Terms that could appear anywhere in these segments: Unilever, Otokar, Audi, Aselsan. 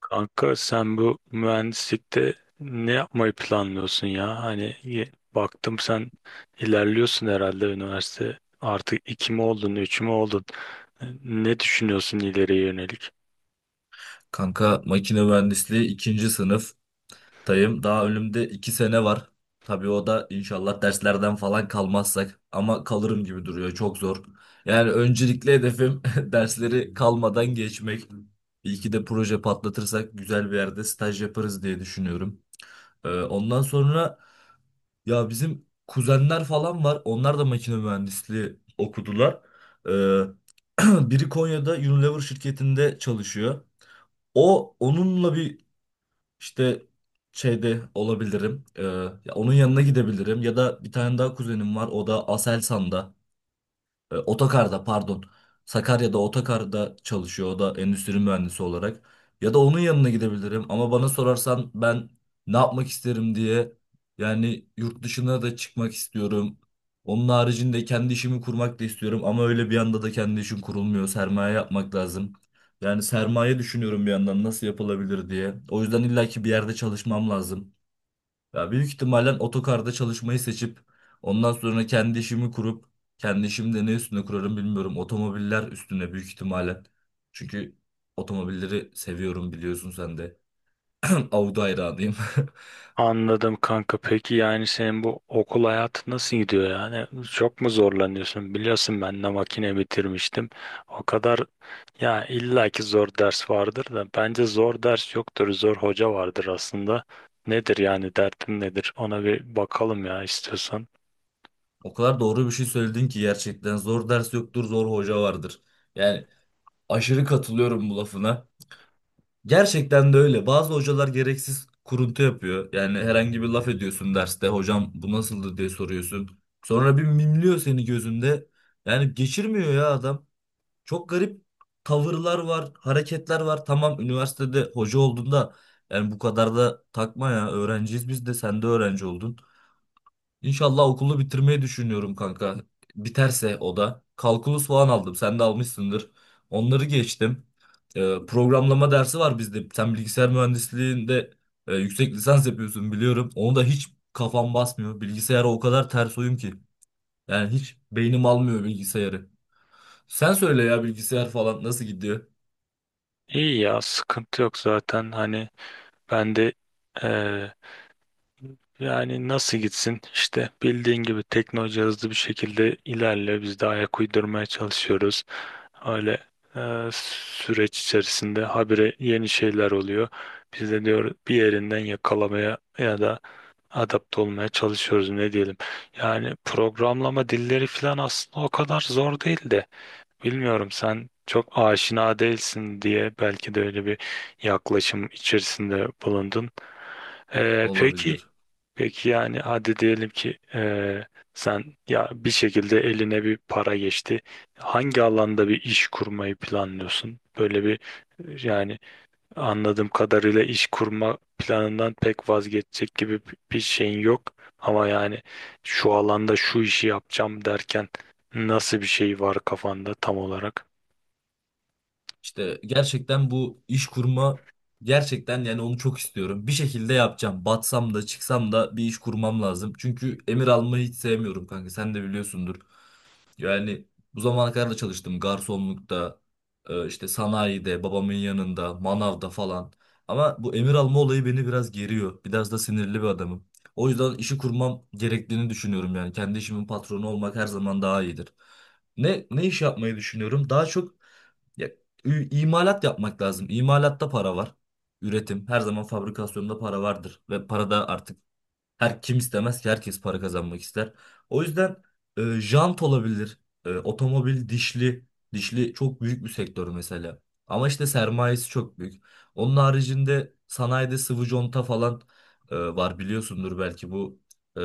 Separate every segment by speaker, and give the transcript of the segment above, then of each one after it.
Speaker 1: Kanka sen bu mühendislikte ne yapmayı planlıyorsun ya? Hani baktım sen ilerliyorsun herhalde üniversite. Artık iki mi oldun, üç mü oldun? Ne düşünüyorsun ileriye yönelik?
Speaker 2: Kanka makine mühendisliği ikinci sınıftayım. Daha önümde iki sene var. Tabii o da inşallah derslerden falan kalmazsak ama kalırım gibi duruyor. Çok zor. Yani öncelikli hedefim dersleri kalmadan geçmek. İyi ki de proje patlatırsak güzel bir yerde staj yaparız diye düşünüyorum. Ondan sonra ya bizim kuzenler falan var. Onlar da makine mühendisliği okudular. Ee, Biri Konya'da Unilever şirketinde çalışıyor. Onunla bir işte şeyde olabilirim. Ya onun yanına gidebilirim. Ya da bir tane daha kuzenim var. O da Aselsan'da. Otokar'da pardon. Sakarya'da Otokar'da çalışıyor o da endüstri mühendisi olarak. Ya da onun yanına gidebilirim ama bana sorarsan ben ne yapmak isterim diye yani yurt dışına da çıkmak istiyorum. Onun haricinde kendi işimi kurmak da istiyorum ama öyle bir anda da kendi işim kurulmuyor. Sermaye yapmak lazım. Yani sermaye düşünüyorum bir yandan nasıl yapılabilir diye. O yüzden illaki bir yerde çalışmam lazım. Ya büyük ihtimalle otokarda çalışmayı seçip ondan sonra kendi işimi kurup kendi işimi de ne üstüne kurarım bilmiyorum. Otomobiller üstüne büyük ihtimalle. Çünkü otomobilleri seviyorum biliyorsun sen de. Audi hayranıyım.
Speaker 1: Anladım kanka. Peki yani senin bu okul hayatı nasıl gidiyor yani? Çok mu zorlanıyorsun? Biliyorsun ben de makine bitirmiştim. O kadar ya illaki zor ders vardır da bence zor ders yoktur. Zor hoca vardır aslında. Nedir yani dertin nedir? Ona bir bakalım ya istiyorsan.
Speaker 2: O kadar doğru bir şey söyledin ki gerçekten zor ders yoktur, zor hoca vardır. Yani aşırı katılıyorum bu lafına. Gerçekten de öyle. Bazı hocalar gereksiz kuruntu yapıyor. Yani herhangi bir laf ediyorsun derste. Hocam bu nasıldı diye soruyorsun. Sonra bir mimliyor seni gözünde. Yani geçirmiyor ya adam. Çok garip tavırlar var, hareketler var. Tamam üniversitede hoca olduğunda yani bu kadar da takma ya. Öğrenciyiz biz de sen de öğrenci oldun. İnşallah okulu bitirmeyi düşünüyorum kanka. Biterse o da. Kalkulus falan aldım. Sen de almışsındır. Onları geçtim. Programlama dersi var bizde. Sen bilgisayar mühendisliğinde yüksek lisans yapıyorsun biliyorum. Onu da hiç kafam basmıyor. Bilgisayara o kadar ters uyum ki. Yani hiç beynim almıyor bilgisayarı. Sen söyle ya bilgisayar falan nasıl gidiyor?
Speaker 1: İyi ya sıkıntı yok zaten. Hani ben de eee, yani nasıl gitsin? İşte bildiğin gibi teknoloji hızlı bir şekilde ilerliyor. Biz de ayak uydurmaya çalışıyoruz. Öyle süreç içerisinde habire yeni şeyler oluyor. Biz de diyor bir yerinden yakalamaya ya da adapte olmaya çalışıyoruz ne diyelim. Yani programlama dilleri falan aslında o kadar zor değil de bilmiyorum sen çok aşina değilsin diye belki de öyle bir yaklaşım içerisinde bulundun. E, peki
Speaker 2: Olabilir.
Speaker 1: Peki yani hadi diyelim ki sen ya bir şekilde eline bir para geçti. Hangi alanda bir iş kurmayı planlıyorsun? Böyle bir yani anladığım kadarıyla iş kurma planından pek vazgeçecek gibi bir şeyin yok. Ama yani şu alanda şu işi yapacağım derken nasıl bir şey var kafanda tam olarak?
Speaker 2: İşte gerçekten bu iş kurma gerçekten yani onu çok istiyorum. Bir şekilde yapacağım. Batsam da çıksam da bir iş kurmam lazım. Çünkü emir almayı hiç sevmiyorum kanka. Sen de biliyorsundur. Yani bu zamana kadar da çalıştım. Garsonlukta, işte sanayide, babamın yanında, manavda falan. Ama bu emir alma olayı beni biraz geriyor. Biraz da sinirli bir adamım. O yüzden işi kurmam gerektiğini düşünüyorum yani. Kendi işimin patronu olmak her zaman daha iyidir. Ne iş yapmayı düşünüyorum? Daha çok ya, imalat yapmak lazım. İmalatta para var. Üretim. Her zaman fabrikasyonda para vardır. Ve para da artık her kim istemez ki herkes para kazanmak ister. O yüzden jant olabilir. Otomobil dişli. Dişli çok büyük bir sektör mesela. Ama işte sermayesi çok büyük. Onun haricinde sanayide sıvı conta falan var biliyorsundur belki bu e,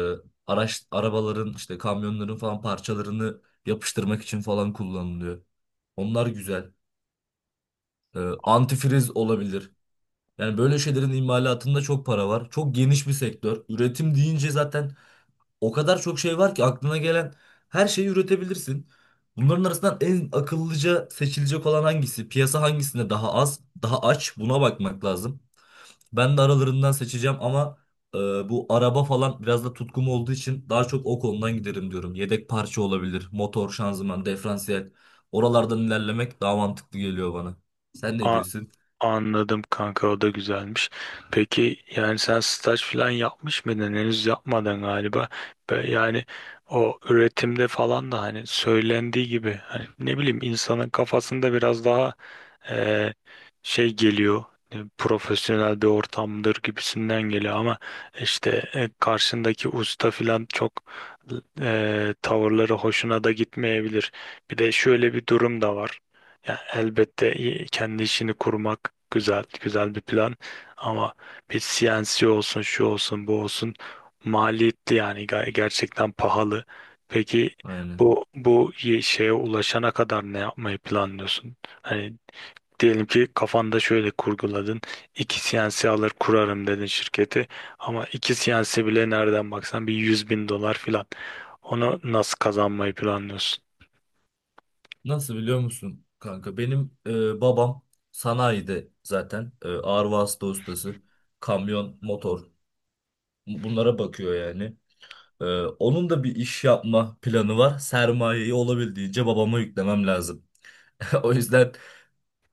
Speaker 2: arabaların işte kamyonların falan parçalarını yapıştırmak için falan kullanılıyor. Onlar güzel e, antifriz olabilir. Yani böyle şeylerin imalatında çok para var. Çok geniş bir sektör. Üretim deyince zaten o kadar çok şey var ki aklına gelen her şeyi üretebilirsin. Bunların arasından en akıllıca seçilecek olan hangisi? Piyasa hangisinde daha az, daha aç? Buna bakmak lazım. Ben de aralarından seçeceğim ama e, bu araba falan biraz da tutkum olduğu için daha çok o konudan giderim diyorum. Yedek parça olabilir, motor, şanzıman, diferansiyel. Oralardan ilerlemek daha mantıklı geliyor bana. Sen ne diyorsun?
Speaker 1: Anladım kanka, o da güzelmiş. Peki yani sen staj falan yapmış mıydın? Henüz yapmadan galiba. Yani o üretimde falan da hani söylendiği gibi hani ne bileyim insanın kafasında biraz daha e, şey geliyor, profesyonel bir ortamdır gibisinden geliyor ama işte karşındaki usta filan çok tavırları hoşuna da gitmeyebilir. Bir de şöyle bir durum da var. Ya elbette kendi işini kurmak güzel, güzel bir plan ama bir CNC olsun, şu olsun, bu olsun maliyetli yani, gerçekten pahalı. Peki
Speaker 2: Aynen.
Speaker 1: bu şeye ulaşana kadar ne yapmayı planlıyorsun? Hani diyelim ki kafanda şöyle kurguladın. İki CNC alır kurarım dedin şirketi. Ama iki CNC bile nereden baksan bir 100.000 dolar filan. Onu nasıl kazanmayı planlıyorsun?
Speaker 2: Nasıl biliyor musun kanka? Benim babam sanayide zaten ağır vasıta ustası. Kamyon, motor bunlara bakıyor yani. E, Onun da bir iş yapma planı var. Sermayeyi olabildiğince babama yüklemem lazım. O yüzden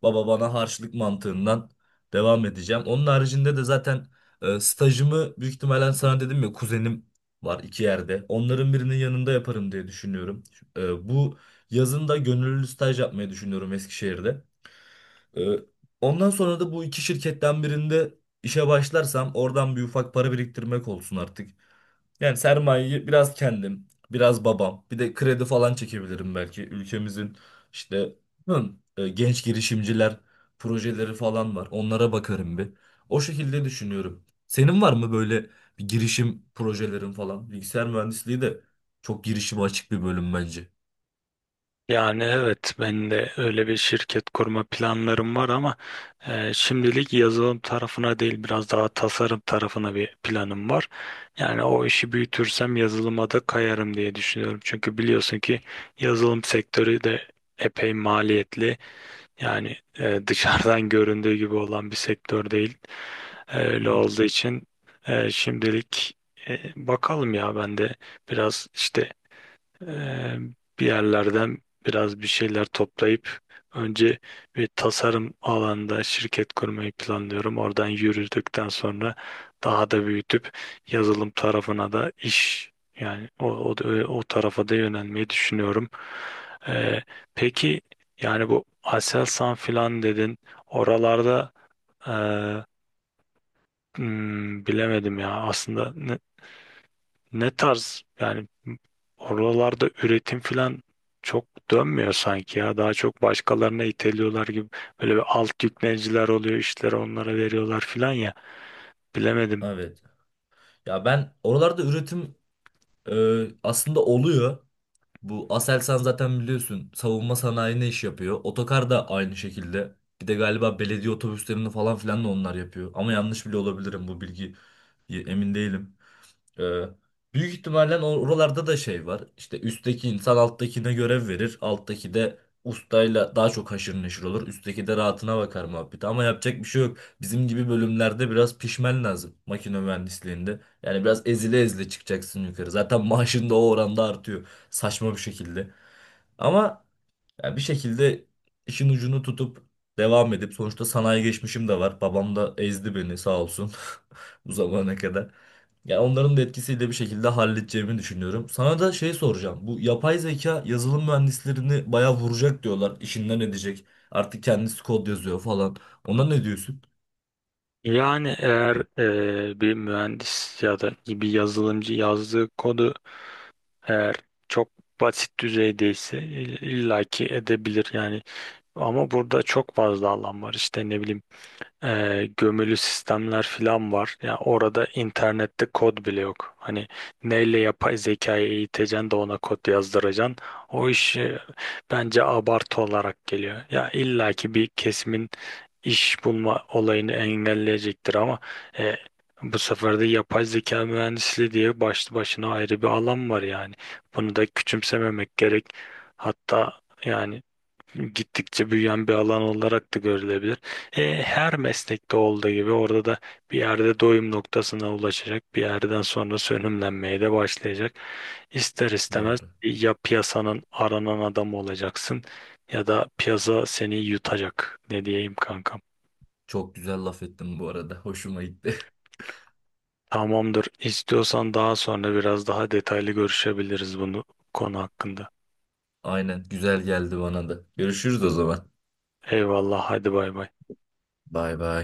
Speaker 2: baba bana harçlık mantığından devam edeceğim. Onun haricinde de zaten stajımı büyük ihtimalle sana dedim ya kuzenim var iki yerde. Onların birinin yanında yaparım diye düşünüyorum. Bu yazın da gönüllü staj yapmayı düşünüyorum Eskişehir'de. Ee, Ondan sonra da bu iki şirketten birinde işe başlarsam oradan bir ufak para biriktirmek olsun artık. Yani sermayeyi biraz kendim, biraz babam, bir de kredi falan çekebilirim belki. Ülkemizin işte hı, genç girişimciler projeleri falan var. Onlara bakarım bir. O şekilde düşünüyorum. Senin var mı böyle bir girişim projelerin falan? Bilgisayar mühendisliği de çok girişime açık bir bölüm bence.
Speaker 1: Yani evet, ben de öyle bir şirket kurma planlarım var ama şimdilik yazılım tarafına değil biraz daha tasarım tarafına bir planım var. Yani o işi büyütürsem yazılıma da kayarım diye düşünüyorum. Çünkü biliyorsun ki yazılım sektörü de epey maliyetli. Yani dışarıdan göründüğü gibi olan bir sektör değil. Öyle olduğu için şimdilik bakalım ya, ben de biraz işte Eee, bir yerlerden biraz bir şeyler toplayıp önce bir tasarım alanında şirket kurmayı planlıyorum. Oradan yürüdükten sonra daha da büyütüp yazılım tarafına da iş, yani o tarafa da yönelmeyi düşünüyorum. Eee, peki yani bu Aselsan filan dedin oralarda eee, bilemedim ya aslında ne tarz, yani oralarda üretim falan çok dönmüyor sanki ya. Daha çok başkalarına iteliyorlar gibi. Böyle bir alt yükleniciler oluyor, işleri onlara veriyorlar falan ya. Bilemedim.
Speaker 2: Evet. Ya ben oralarda üretim aslında oluyor. Bu Aselsan zaten biliyorsun savunma sanayi ne iş yapıyor. Otokar da aynı şekilde. Bir de galiba belediye otobüslerini falan filan da onlar yapıyor. Ama yanlış bile olabilirim bu bilgi emin değilim. Ee, Büyük ihtimalle oralarda da şey var. İşte üstteki insan alttakine görev verir. Alttaki de ustayla daha çok haşır neşir olur. Üstteki de rahatına bakar muhabbeti. Ama yapacak bir şey yok. Bizim gibi bölümlerde biraz pişmen lazım. Makine mühendisliğinde. Yani biraz ezile ezile çıkacaksın yukarı. Zaten maaşın da o oranda artıyor. Saçma bir şekilde. Ama yani bir şekilde işin ucunu tutup devam edip sonuçta sanayi geçmişim de var. Babam da ezdi beni sağ olsun bu zamana kadar. Ya onların da etkisiyle bir şekilde halledeceğimi düşünüyorum. Sana da şey soracağım. Bu yapay zeka yazılım mühendislerini bayağı vuracak diyorlar. İşinden edecek. Artık kendisi kod yazıyor falan. Ona ne diyorsun?
Speaker 1: Yani eğer bir mühendis ya da bir yazılımcı yazdığı kodu eğer çok basit düzeydeyse illaki edebilir yani. Ama burada çok fazla alan var, işte ne bileyim gömülü sistemler falan var. Ya orada internette kod bile yok. Hani neyle yapay zekayı eğiteceksin de ona kod yazdıracaksın. O iş, bence abartı olarak geliyor. Ya illaki bir kesimin iş bulma olayını engelleyecektir ama e, bu sefer de yapay zeka mühendisliği diye başlı başına ayrı bir alan var yani. Bunu da küçümsememek gerek. Hatta yani gittikçe büyüyen bir alan olarak da görülebilir. Her meslekte olduğu gibi orada da bir yerde doyum noktasına ulaşacak, bir yerden sonra sönümlenmeye de başlayacak. İster istemez
Speaker 2: Doğru.
Speaker 1: ya piyasanın aranan adamı olacaksın ya da piyasa seni yutacak. Ne diyeyim kankam?
Speaker 2: Çok güzel laf ettim bu arada. Hoşuma gitti.
Speaker 1: Tamamdır. İstiyorsan daha sonra biraz daha detaylı görüşebiliriz bunu, konu hakkında.
Speaker 2: Aynen güzel geldi bana da. Görüşürüz o zaman.
Speaker 1: Eyvallah, hadi bay bay.
Speaker 2: Bay bay.